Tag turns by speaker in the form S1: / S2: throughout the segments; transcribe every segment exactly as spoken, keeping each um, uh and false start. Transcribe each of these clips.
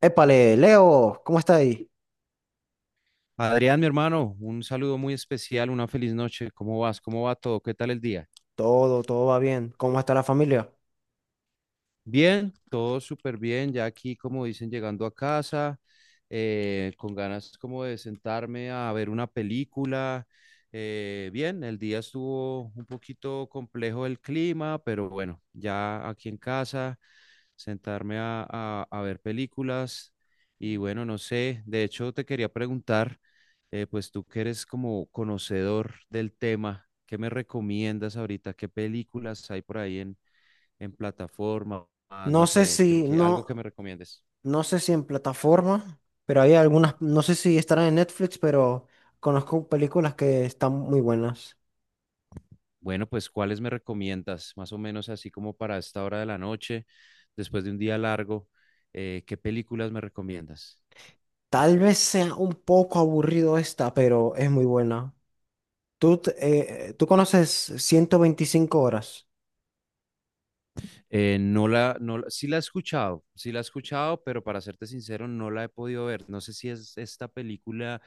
S1: Épale, Leo, ¿cómo está ahí?
S2: Adrián, mi hermano, un saludo muy especial, una feliz noche. ¿Cómo vas? ¿Cómo va todo? ¿Qué tal el día?
S1: Todo, todo va bien. ¿Cómo está la familia?
S2: Bien, todo súper bien, ya aquí como dicen, llegando a casa, eh, con ganas como de sentarme a ver una película. Eh, bien, el día estuvo un poquito complejo el clima, pero bueno, ya aquí en casa, sentarme a, a- a ver películas y bueno, no sé, de hecho te quería preguntar, eh, pues tú que eres como conocedor del tema, ¿qué me recomiendas ahorita? ¿Qué películas hay por ahí en plataforma, ah,
S1: No
S2: no
S1: sé
S2: sé, que,
S1: si,
S2: que- algo que me
S1: no,
S2: recomiendes?
S1: no sé si en plataforma, pero hay algunas, no sé si estarán en Netflix, pero conozco películas que están muy buenas.
S2: Bueno, pues, ¿cuáles me recomiendas? Más o menos así como para esta hora de la noche, después de un día largo, eh, ¿qué películas me recomiendas?
S1: Tal vez sea un poco aburrido esta, pero es muy buena. ¿Tú, te- eh, eh, tú conoces ciento veinticinco horas?
S2: Eh, no la, no, la- sí la he escuchado, sí la he escuchado, pero para serte sincero, no la he podido ver. No sé si es esta película,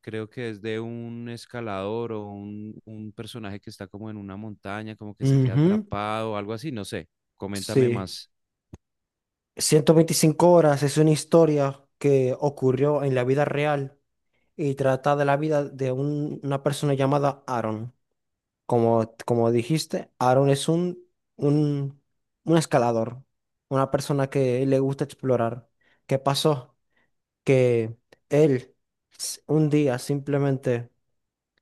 S2: creo que es de un escalador o un, un personaje que está como en una montaña, como que se queda
S1: Ujú,
S2: atrapado, algo así, no sé. Coméntame
S1: sí.
S2: más.
S1: Ciento veinticinco horas es una historia que ocurrió en la vida real y trata de la vida de un- una persona llamada Aaron. Como, como dijiste, Aaron es un, un, un escalador, una persona que le gusta explorar. ¿Qué pasó? Que él s- un día simplemente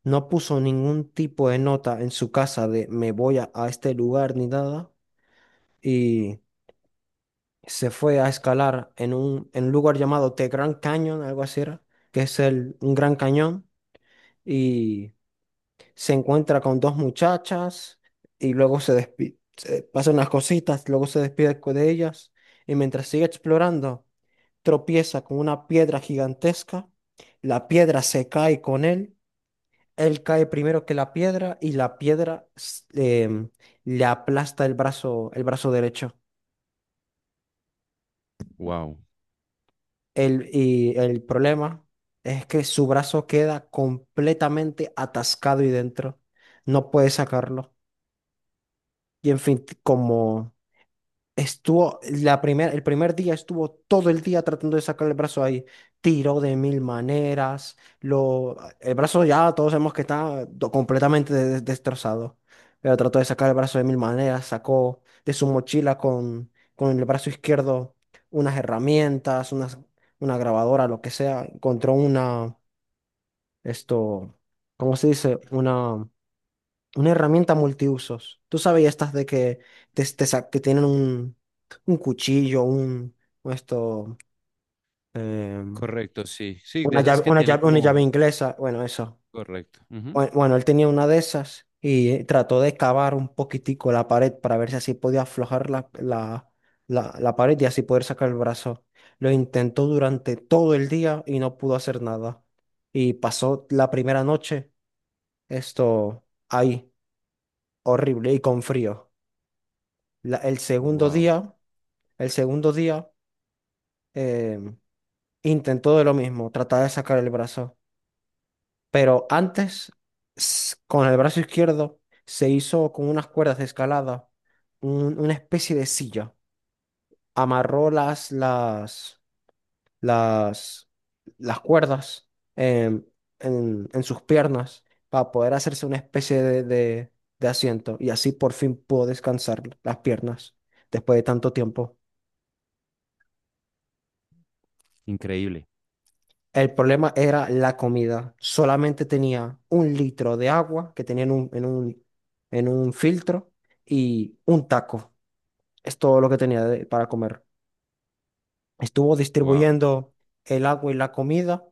S1: no puso ningún tipo de nota en su casa de me voy a, a este lugar ni nada y se fue a escalar en un, en un lugar llamado The Grand Canyon, algo así era, que es el, un gran cañón. Y se encuentra con dos muchachas y luego se despide, pasan unas cositas, luego se despide co- de ellas y mientras sigue explorando, tropieza con una piedra gigantesca, la piedra se cae con él, él cae primero que la piedra y la piedra s- em, le aplasta el brazo, el brazo derecho.
S2: Wow.
S1: El, y el problema es que su brazo queda completamente atascado y dentro. No puede sacarlo. Y en fin, t- como estuvo la primer, el primer día, estuvo todo el día tratando de sacar el brazo ahí. Tiró de mil maneras. Lo, el brazo ya todos sabemos que está do- completamente de- destrozado. Pero trató de sacar el brazo de mil maneras. Sacó de su mochila con, con el brazo izquierdo unas herramientas, unas, una grabadora, lo que sea. Encontró una, esto, ¿cómo se dice? una una herramienta multiusos. Tú sabes estas de que, te, te sa- que tienen un, un cuchillo, un un esto, em,
S2: Correcto, sí. Sí,
S1: una
S2: de esas
S1: llave,
S2: que
S1: una
S2: tienen
S1: llave, una llave
S2: como...
S1: inglesa. Bueno, eso.
S2: Correcto, ujú.
S1: Bue- Bueno, él tenía una de esas y eh, trató de cavar un poquitico la pared para ver si así podía aflojar la, la, la, la pared y así poder sacar el brazo. Lo intentó durante todo el día y no pudo hacer nada. Y pasó la primera noche, esto ahí, horrible y con frío. La- el segundo
S2: Wow.
S1: día, el segundo día eh, intentó de lo mismo, tratar de sacar el brazo, pero antes s- con el brazo izquierdo se hizo con unas cuerdas de escalada un- una especie de silla, amarró las las las las cuerdas em, en, en sus piernas para poder hacerse una especie de, de de asiento y así por fin pudo descansar las piernas después de tanto tiempo.
S2: Increíble.
S1: El problema era la comida. Solamente tenía un litro de agua que tenía en un, en un, en un filtro y un taco. Es todo lo que tenía de- para comer. Estuvo
S2: Wow.
S1: distribuyendo el agua y la comida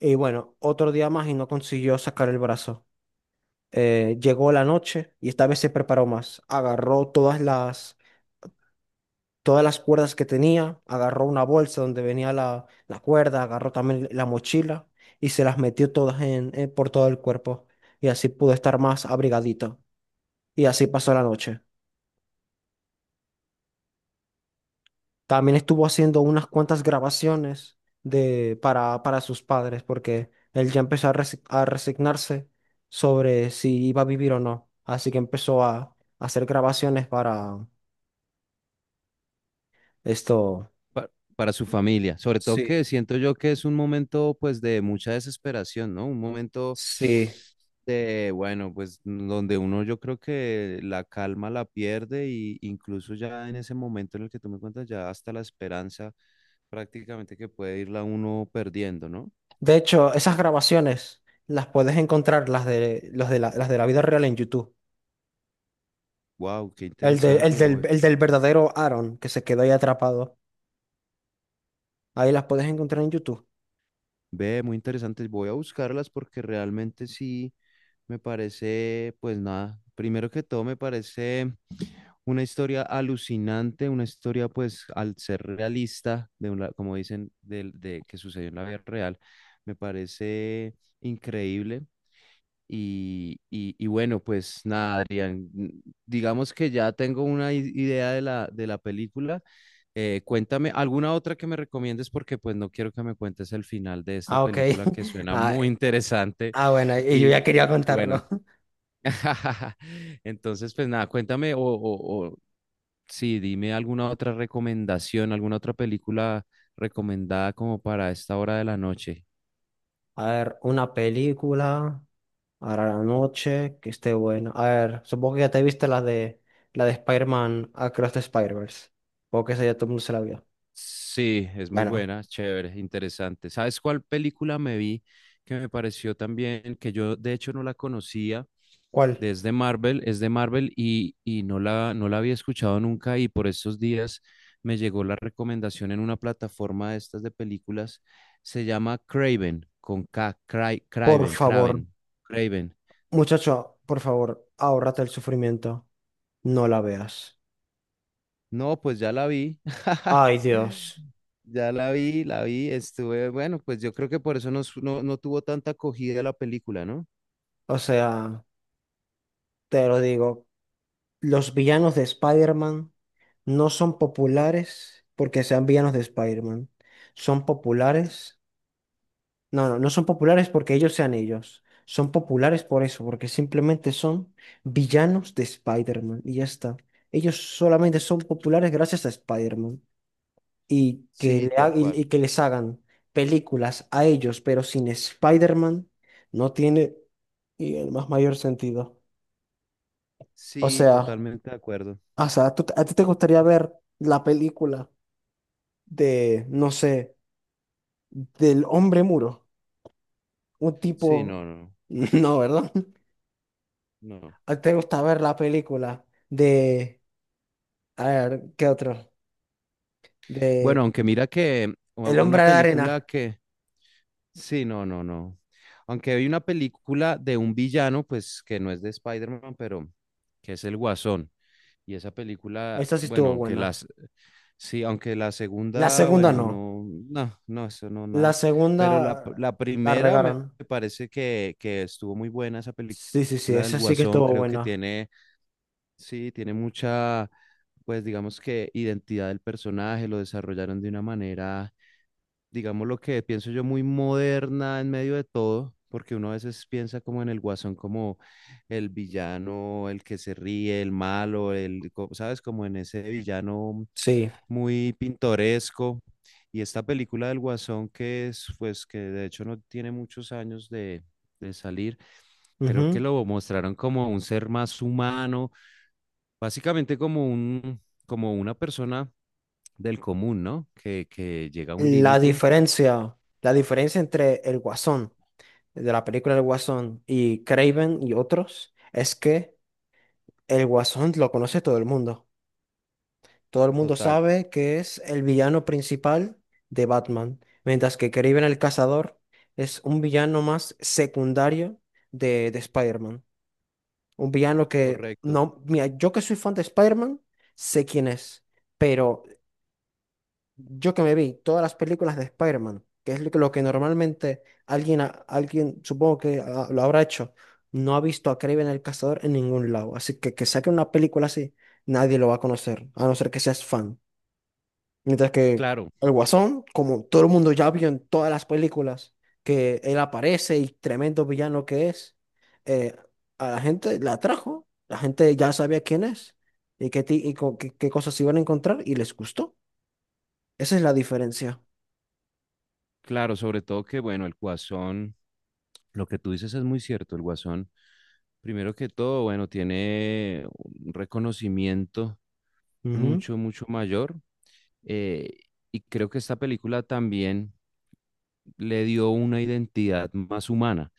S1: y bueno, otro día más y no consiguió sacar el brazo. Eh, llegó la noche y esta vez se preparó más. Agarró todas las todas las cuerdas que tenía, agarró una bolsa donde venía la, la cuerda, agarró también la mochila y se las metió todas en, en- por todo el cuerpo. Y así pudo estar más abrigadito. Y así pasó la noche. También estuvo haciendo unas cuantas grabaciones de, para, para sus padres, porque él ya empezó a, resi- a resignarse sobre si iba a vivir o no. Así que empezó a, a hacer grabaciones para esto.
S2: Pa- para su familia. Sobre todo que
S1: Sí,
S2: siento yo que es un momento pues de mucha desesperación, ¿no? Un momento
S1: sí.
S2: de, bueno, pues donde uno yo creo que la calma la pierde, y incluso ya en ese momento en el que tú me cuentas, ya hasta la esperanza prácticamente que puede irla uno perdiendo, ¿no?
S1: De hecho, esas grabaciones las puedes encontrar, las de, los de la, las de la vida real en YouTube.
S2: Wow, qué
S1: El, de- el
S2: interesante.
S1: del, el del verdadero Aaron, que se quedó ahí atrapado. Ahí las puedes encontrar en YouTube.
S2: Ve, muy interesantes. Voy a buscarlas porque realmente sí me parece, pues nada, primero que todo me parece una historia alucinante, una historia pues al ser realista, de una, como dicen, del- de, que sucedió en la vida real, me parece increíble. Y, y, y bueno, pues nada, Adrián, digamos que ya tengo una i- idea de la, de la película. Eh, cuéntame alguna otra que me recomiendes porque pues no quiero que me cuentes el final de esta
S1: Ah, ok.
S2: película que suena
S1: Ah,
S2: muy interesante
S1: ah, bueno, y yo ya
S2: y,
S1: quería
S2: y bueno,
S1: contarlo.
S2: entonces pues nada, cuéntame o, o, o sí, dime alguna otra recomendación, alguna otra película recomendada como para esta hora de la noche.
S1: A ver, una película, ahora la noche, que esté buena. A ver, supongo que ya te viste la de, la de Spider-Man Across the Spider-Verse. Supongo que esa ya todo el mundo se la vio.
S2: Sí, es muy
S1: Bueno,
S2: buena, chévere, interesante. ¿Sabes cuál película me vi que me pareció también, que yo de hecho no la conocía,
S1: ¿cuál?
S2: desde Marvel? Es de Marvel y, y no la, no la había escuchado nunca, y por estos días me llegó la recomendación en una plataforma de estas de películas. Se llama Craven, con K, Cry-
S1: Por
S2: Craven,
S1: favor,
S2: Craven, Craven.
S1: muchacho, por favor, ahórrate el sufrimiento. No la veas.
S2: No, pues ya la vi.
S1: Ay, Dios.
S2: Ya la vi, la vi, estuve, bueno, pues yo creo que por eso no, su- no, no tuvo tanta acogida la película, ¿no?
S1: O sea, te lo digo, los villanos de Spider-Man no son populares porque sean villanos de Spider-Man. Son populares. No, no, no son populares porque ellos sean ellos. Son populares por eso, porque simplemente son villanos de Spider-Man. Y ya está. Ellos solamente son populares gracias a Spider-Man. Y que,
S2: Sí,
S1: le ha-
S2: tal
S1: y,
S2: cual.
S1: y que les hagan películas a ellos, pero sin Spider-Man, no tiene y el más mayor sentido. O
S2: Sí,
S1: sea,
S2: totalmente de acuerdo.
S1: o sea, ¿tú- a ti te gustaría ver la película de, no sé, del hombre muro? Un
S2: Sí,
S1: tipo...
S2: no, no,
S1: No, ¿verdad?
S2: no.
S1: ¿A ti te gusta ver la película de... A ver, ¿qué otro?
S2: Bueno,
S1: De
S2: aunque mira que u-
S1: el
S2: una
S1: hombre de
S2: película
S1: arena.
S2: que... Sí, no, no, no. Aunque hay una película de un villano, pues que no es de Spider-Man, pero que es el Guasón. Y esa película,
S1: Esa sí
S2: bueno,
S1: estuvo
S2: aunque
S1: buena.
S2: las, sí, aunque la
S1: La
S2: segunda,
S1: segunda
S2: bueno,
S1: no.
S2: no, no, no, eso no,
S1: La
S2: nada.
S1: segunda
S2: Pero la, p- la
S1: la
S2: primera me
S1: regaron.
S2: parece que, que estuvo muy buena esa
S1: Sí, sí, sí,
S2: película del
S1: esa sí que
S2: Guasón.
S1: estuvo
S2: Creo que
S1: buena.
S2: tiene, sí, tiene mucha, pues digamos que identidad del personaje, lo desarrollaron de una manera, digamos lo que pienso yo, muy moderna en medio de todo, porque uno a veces piensa como en el Guasón, como el villano, el que se ríe, el malo, el, co- ¿sabes? Como en ese villano
S1: Sí.
S2: muy pintoresco. Y esta película del Guasón, que es, pues, que de hecho no tiene muchos años de, de salir, creo que
S1: Ujú.
S2: lo mostraron como un ser más humano, básicamente como un, como una persona del común, ¿no? Que, que llega a un
S1: La
S2: límite.
S1: diferencia, la diferencia entre el Guasón, de la película El Guasón, y Craven y otros, es que el Guasón lo conoce todo el mundo. Todo el mundo
S2: Total,
S1: sabe que es el villano principal de Batman, mientras que Craven el Cazador es un villano más secundario de, de Spider-Man. Un villano que,
S2: correcto.
S1: no, mira, yo que soy fan de Spider-Man, sé quién es, pero yo que me vi todas las películas de Spider-Man, que es lo que, lo que normalmente alguien, ha- alguien supongo que ah, lo habrá hecho, no ha visto a Kraven el Cazador en ningún lado. Así que que saque una película así, nadie lo va a conocer, a no ser que seas fan. Mientras que
S2: Claro,
S1: el Guasón, como todo el mundo ya vio en todas las películas, que él aparece y tremendo villano que es, eh, a la gente la atrajo, la gente ya sabía quién es y qué, ti- y co- qué qué cosas se iban a encontrar y les gustó. Esa es la diferencia.
S2: claro, sobre todo que, bueno, el guasón, lo que tú dices es muy cierto, el guasón, primero que todo, bueno, tiene un reconocimiento
S1: Ujú,
S2: mucho, mucho mayor. eh, y creo que esta película también le dio una identidad más humana,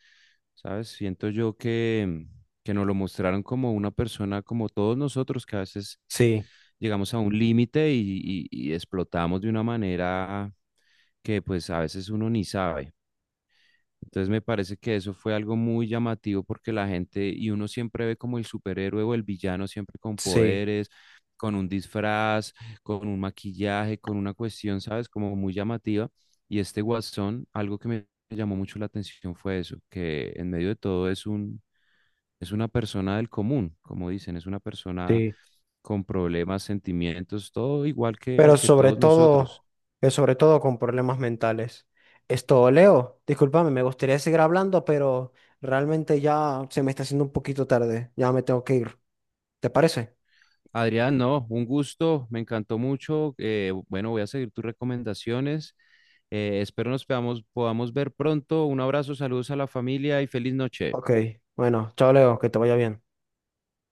S2: ¿sabes? Siento yo que, que nos lo mostraron como una persona, como todos nosotros, que a veces
S1: sí,
S2: llegamos a un límite y, y- y explotamos de una manera que pues a veces uno ni sabe. Entonces me parece que eso fue algo muy llamativo porque la gente, y uno siempre ve como el superhéroe o el villano, siempre con
S1: sí,
S2: poderes, con un disfraz, con un maquillaje, con una cuestión, ¿sabes? Como muy llamativa. Y este Guasón, algo que me llamó mucho la atención fue eso, que en medio de todo es un, es una persona del común, como dicen, es una persona
S1: sí.
S2: con problemas, sentimientos, todo igual que,
S1: Pero
S2: que
S1: sobre
S2: todos nosotros.
S1: todo, pero sobre todo con problemas mentales. Esto, Leo, discúlpame, me gustaría seguir hablando, pero realmente ya se me está haciendo un poquito tarde. Ya me tengo que ir. ¿Te parece?
S2: Adrián, no, un gusto, me encantó mucho. Eh, bueno, voy a seguir tus recomendaciones. Eh, espero nos podamos, podamos ver pronto. Un abrazo, saludos a la familia y feliz noche.
S1: Ok, bueno, chao, Leo, que te vaya bien.